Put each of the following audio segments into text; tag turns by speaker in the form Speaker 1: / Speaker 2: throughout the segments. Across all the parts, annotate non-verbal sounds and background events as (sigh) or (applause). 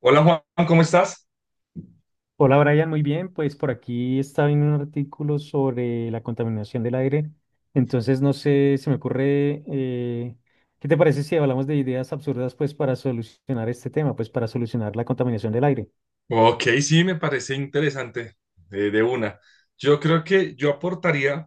Speaker 1: Hola Juan, ¿cómo estás?
Speaker 2: Hola Brian, muy bien. Pues por aquí estaba viendo un artículo sobre la contaminación del aire. Entonces, no sé, se me ocurre, ¿qué te parece si hablamos de ideas absurdas pues para solucionar este tema, pues para solucionar la contaminación del aire?
Speaker 1: Ok, sí, me parece interesante, de una. Yo creo que yo aportaría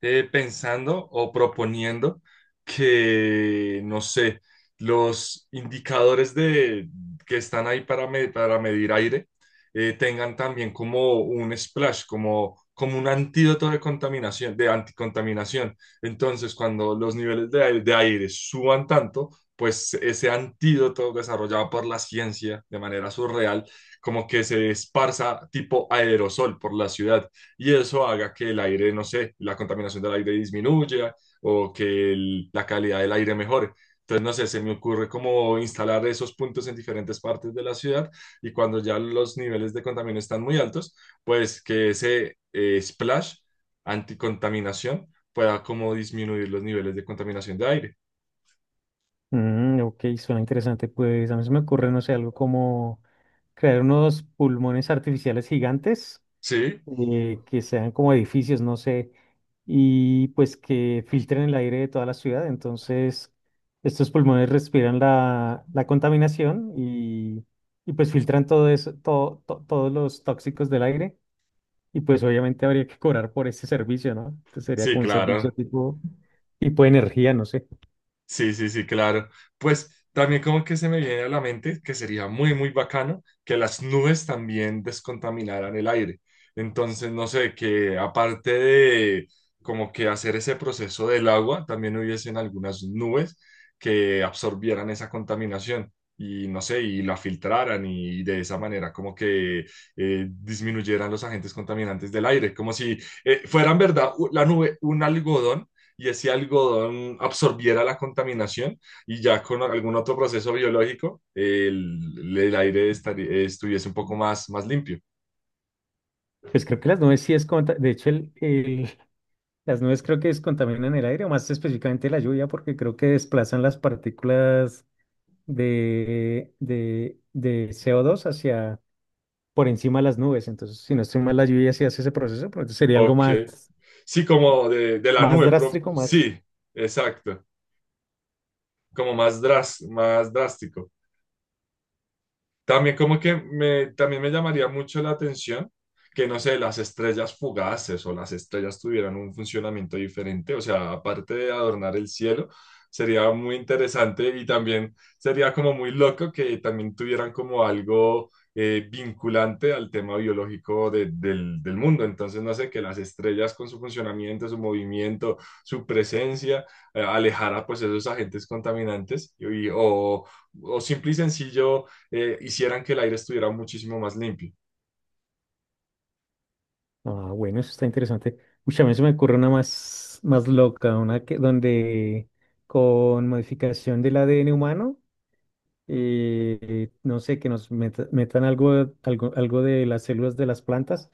Speaker 1: pensando o proponiendo que, no sé, los indicadores que están ahí para, para medir aire tengan también como un splash, como, como un antídoto de contaminación, de anticontaminación. Entonces, cuando los niveles de aire suban tanto, pues ese antídoto desarrollado por la ciencia de manera surreal, como que se esparza tipo aerosol por la ciudad y eso haga que el aire, no sé, la contaminación del aire disminuya o que la calidad del aire mejore. Entonces, no sé, se me ocurre como instalar esos puntos en diferentes partes de la ciudad y cuando ya los niveles de contaminación están muy altos, pues que ese splash anticontaminación pueda como disminuir los niveles de contaminación de aire.
Speaker 2: Mm, ok, suena interesante. Pues a mí se me ocurre, no sé, algo como crear unos pulmones artificiales gigantes
Speaker 1: Sí,
Speaker 2: que sean como edificios, no sé, y pues que filtren el aire de toda la ciudad. Entonces, estos pulmones respiran la contaminación y pues filtran todo eso, todos los tóxicos del aire. Y pues obviamente habría que cobrar por ese servicio, ¿no? Entonces sería
Speaker 1: sí,
Speaker 2: como un servicio
Speaker 1: claro.
Speaker 2: tipo de energía, no sé.
Speaker 1: Sí, sí, sí, claro. Pues también como que se me viene a la mente que sería muy, muy bacano que las nubes también descontaminaran el aire. Entonces, no sé, que aparte de como que hacer ese proceso del agua, también hubiesen algunas nubes que absorbieran esa contaminación y no sé, y la filtraran y de esa manera como que disminuyeran los agentes contaminantes del aire, como si fueran, ¿verdad? La nube, un algodón y ese algodón absorbiera la contaminación y ya con algún otro proceso biológico el aire estuviese un poco más, más limpio.
Speaker 2: Pues creo que las nubes sí es de hecho, las nubes creo que descontaminan el aire, o más específicamente la lluvia, porque creo que desplazan las partículas de co dos hacia por encima de las nubes. Entonces, si no estoy mal, la lluvia sí hace ese proceso, pero sería algo
Speaker 1: Ok,
Speaker 2: más,
Speaker 1: sí, como de la
Speaker 2: más
Speaker 1: nube,
Speaker 2: drástico, más.
Speaker 1: sí, exacto, como más, más drástico. También como que me, también me llamaría mucho la atención que, no sé, las estrellas fugaces o las estrellas tuvieran un funcionamiento diferente. O sea, aparte de adornar el cielo, sería muy interesante y también sería como muy loco que también tuvieran como algo vinculante al tema biológico del, del mundo. Entonces, no sé, que las estrellas con su funcionamiento, su movimiento, su presencia, alejara pues esos agentes contaminantes y, o simple y sencillo hicieran que el aire estuviera muchísimo más limpio.
Speaker 2: Ah, bueno, eso está interesante. Uy, a mí se me ocurre una más, más loca, una que, donde con modificación del ADN humano no sé, que nos metan algo de las células de las plantas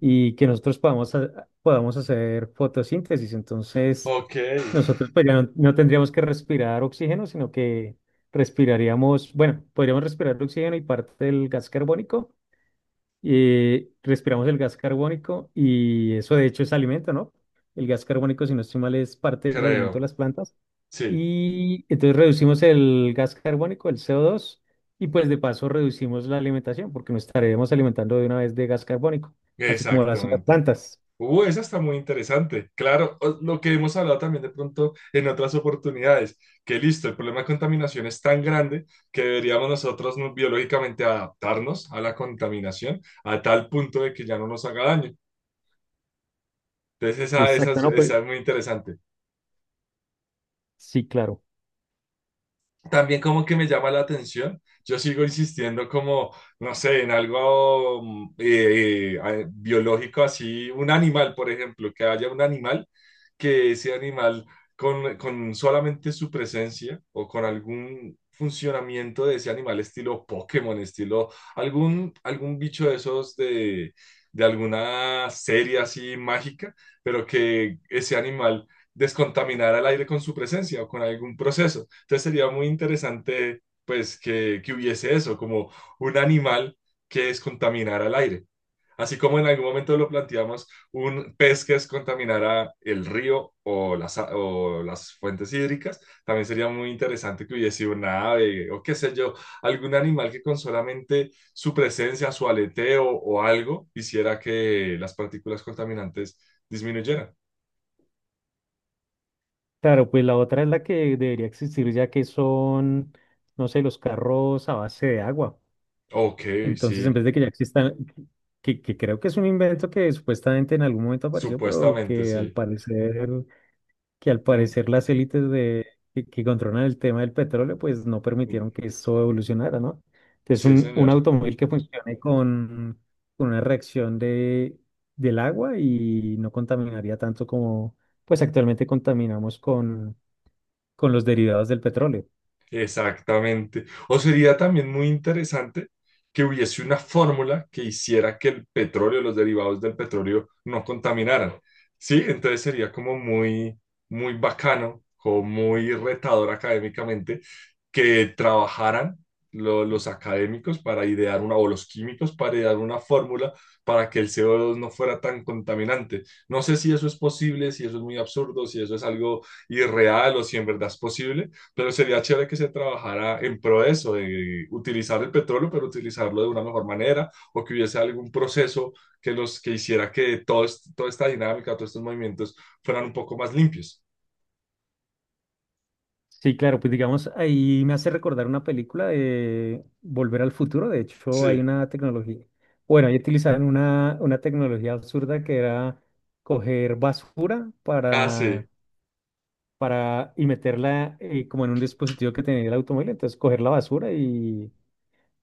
Speaker 2: y que nosotros podamos hacer fotosíntesis. Entonces,
Speaker 1: Ok,
Speaker 2: nosotros pues ya no tendríamos que respirar oxígeno, sino que respiraríamos, bueno, podríamos respirar oxígeno y parte del gas carbónico respiramos el gas carbónico y eso de hecho es alimento, ¿no? El gas carbónico, si no estoy mal, es parte del alimento de
Speaker 1: creo.
Speaker 2: las plantas.
Speaker 1: Sí,
Speaker 2: Y entonces reducimos el gas carbónico, el CO2, y pues de paso reducimos la alimentación porque nos estaremos alimentando de una vez de gas carbónico, así como lo hacen las
Speaker 1: exactamente.
Speaker 2: plantas.
Speaker 1: Esa está muy interesante. Claro, lo que hemos hablado también de pronto en otras oportunidades, que listo, el problema de contaminación es tan grande que deberíamos nosotros biológicamente adaptarnos a la contaminación a tal punto de que ya no nos haga daño. Entonces, esa,
Speaker 2: Exacto, ¿no? Pues
Speaker 1: esa es muy interesante.
Speaker 2: sí, claro.
Speaker 1: También como que me llama la atención, yo sigo insistiendo como, no sé, en algo biológico así, un animal, por ejemplo, que haya un animal, que ese animal con solamente su presencia o con algún funcionamiento de ese animal estilo Pokémon, estilo algún, algún bicho de esos de alguna serie así mágica, pero que ese animal descontaminara el aire con su presencia o con algún proceso. Entonces sería muy interesante, pues, que hubiese eso, como un animal que descontaminara el aire. Así como en algún momento lo planteamos, un pez que descontaminara el río o las, o las fuentes hídricas, también sería muy interesante que hubiese una ave o qué sé yo, algún animal que con solamente su presencia, su aleteo o algo, hiciera que las partículas contaminantes disminuyeran.
Speaker 2: Claro, pues la otra es la que debería existir ya que son, no sé, los carros a base de agua.
Speaker 1: Ok,
Speaker 2: Entonces, en
Speaker 1: sí,
Speaker 2: vez de que ya existan, que creo que es un invento que supuestamente en algún momento apareció, pero
Speaker 1: supuestamente sí.
Speaker 2: que al
Speaker 1: Mm,
Speaker 2: parecer las élites que controlan el tema del petróleo, pues no
Speaker 1: mm,
Speaker 2: permitieron que eso evolucionara, ¿no? Entonces,
Speaker 1: sí,
Speaker 2: un
Speaker 1: señor.
Speaker 2: automóvil que funcione con una reacción del agua y no contaminaría tanto como, pues actualmente contaminamos con los derivados del petróleo.
Speaker 1: Exactamente. O sería también muy interesante que hubiese una fórmula que hiciera que el petróleo, los derivados del petróleo, no contaminaran. Sí, entonces sería como muy, muy bacano o muy retador académicamente que trabajaran los académicos para idear una, o los químicos para idear una fórmula para que el CO2 no fuera tan contaminante. No sé si eso es posible, si eso es muy absurdo, si eso es algo irreal o si en verdad es posible, pero sería chévere que se trabajara en pro de eso, de utilizar el petróleo, pero utilizarlo de una mejor manera, o que hubiese algún proceso que los que hiciera que todo, toda esta dinámica, todos estos movimientos fueran un poco más limpios.
Speaker 2: Sí, claro, pues digamos, ahí me hace recordar una película de Volver al Futuro. De hecho, hay
Speaker 1: Sí,
Speaker 2: una tecnología, bueno, ahí utilizaron una tecnología absurda que era coger basura
Speaker 1: ah, sí,
Speaker 2: para y meterla como en un dispositivo que tenía el automóvil. Entonces, coger la basura y,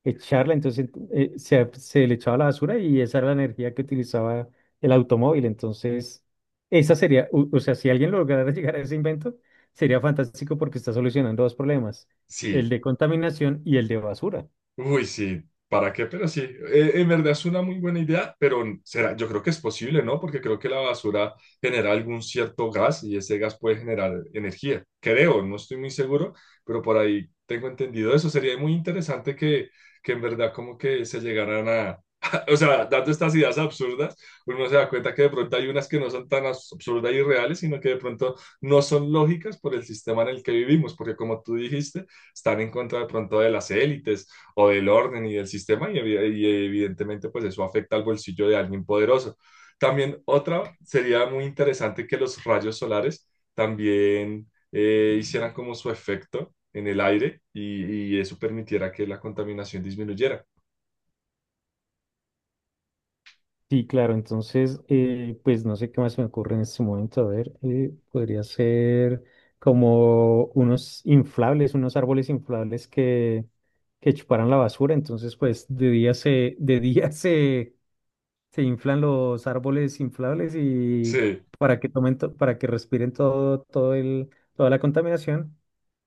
Speaker 2: echarla, entonces se le echaba la basura y esa era la energía que utilizaba el automóvil. Entonces, esa sería, o sea, si alguien lograra (laughs) llegar a ese invento, sería fantástico porque está solucionando dos problemas, el
Speaker 1: sí.
Speaker 2: de contaminación y el de basura.
Speaker 1: Uy, sí, ¿para qué? Pero sí, en verdad es una muy buena idea, pero será, yo creo que es posible, ¿no? Porque creo que la basura genera algún cierto gas y ese gas puede generar energía. Creo, no estoy muy seguro, pero por ahí tengo entendido eso. Sería muy interesante que en verdad como que se llegaran a... (laughs) O sea, dando estas ideas absurdas, uno se da cuenta que de pronto hay unas que no son tan absurdas y reales, sino que de pronto no son lógicas por el sistema en el que vivimos, porque como tú dijiste, están en contra de pronto de las élites o del orden y del sistema y, y evidentemente pues eso afecta al bolsillo de alguien poderoso. También otra sería muy interesante que los rayos solares también hicieran como su efecto en el aire y eso permitiera que la contaminación disminuyera.
Speaker 2: Sí, claro, entonces, pues no sé qué más se me ocurre en este momento. A ver, podría ser como unos inflables, unos árboles inflables que chuparan la basura. Entonces, pues de día (laughs) se inflan los árboles inflables y
Speaker 1: Sí.
Speaker 2: para que respiren toda la contaminación.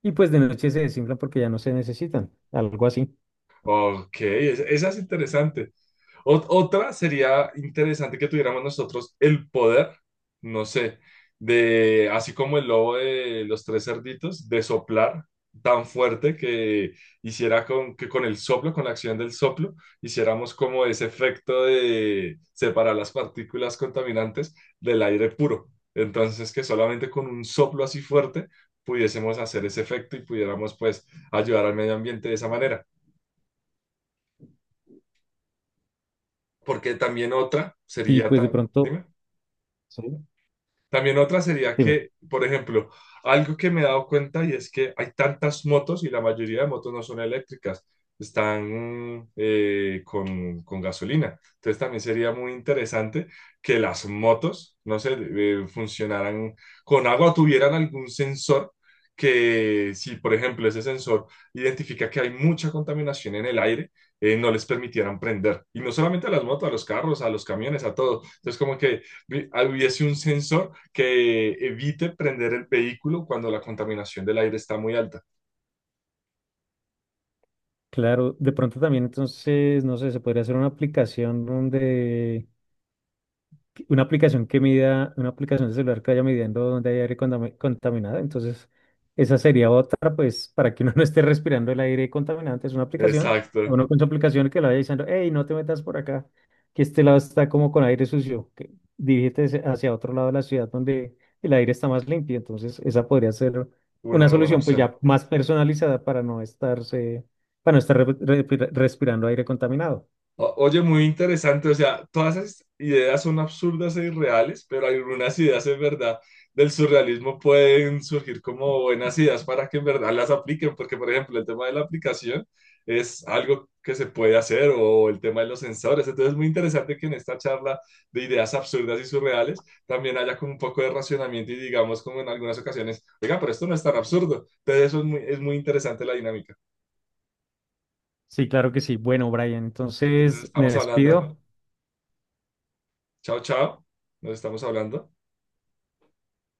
Speaker 2: Y pues de noche se desinflan porque ya no se necesitan, algo así.
Speaker 1: Ok, esa es interesante. Otra sería interesante que tuviéramos nosotros el poder, no sé, de, así como el lobo de los tres cerditos, de soplar tan fuerte que hiciera con, que con el soplo, con la acción del soplo, hiciéramos como ese efecto de separar las partículas contaminantes del aire puro. Entonces, que solamente con un soplo así fuerte pudiésemos hacer ese efecto y pudiéramos pues ayudar al medio ambiente de esa manera. Porque también otra
Speaker 2: Y
Speaker 1: sería
Speaker 2: pues de
Speaker 1: tan,
Speaker 2: pronto,
Speaker 1: dime.
Speaker 2: sí,
Speaker 1: También otra sería
Speaker 2: dime,
Speaker 1: que, por ejemplo, algo que me he dado cuenta y es que hay tantas motos y la mayoría de motos no son eléctricas, están con gasolina. Entonces también sería muy interesante que las motos, no sé, funcionaran con agua o tuvieran algún sensor que si, por ejemplo, ese sensor identifica que hay mucha contaminación en el aire, no les permitieran prender. Y no solamente a las motos, a los carros, a los camiones, a todo. Entonces como que vi- hubiese un sensor que evite prender el vehículo cuando la contaminación del aire está muy alta.
Speaker 2: claro, de pronto también entonces, no sé, se podría hacer una aplicación una aplicación que mida, una aplicación de celular que vaya midiendo dónde hay aire contaminado. Entonces, esa sería otra, pues, para que uno (laughs) no esté respirando el aire contaminante, es una aplicación, o
Speaker 1: Exacto,
Speaker 2: uno con su aplicación que le vaya diciendo, hey, no te metas por acá, que este lado está como con aire sucio, que dirígete hacia otro lado de la ciudad donde el aire está más limpio. Entonces, esa podría ser
Speaker 1: una
Speaker 2: una
Speaker 1: buena
Speaker 2: solución, pues,
Speaker 1: opción.
Speaker 2: ya más personalizada para no estar respirando aire contaminado.
Speaker 1: O- Oye, muy interesante, o sea, todas esas ideas son absurdas e irreales, pero algunas ideas en verdad del surrealismo pueden surgir como buenas ideas para que en verdad las apliquen, porque por ejemplo el tema de la aplicación es algo que se puede hacer o el tema de los sensores, entonces es muy interesante que en esta charla de ideas absurdas y surreales también haya como un poco de racionamiento y digamos como en algunas ocasiones, oiga, pero esto no es tan absurdo, entonces eso es muy interesante la dinámica.
Speaker 2: Sí, claro que sí. Bueno, Brian,
Speaker 1: Entonces
Speaker 2: entonces me
Speaker 1: estamos hablando,
Speaker 2: despido.
Speaker 1: chao, chao, nos estamos hablando.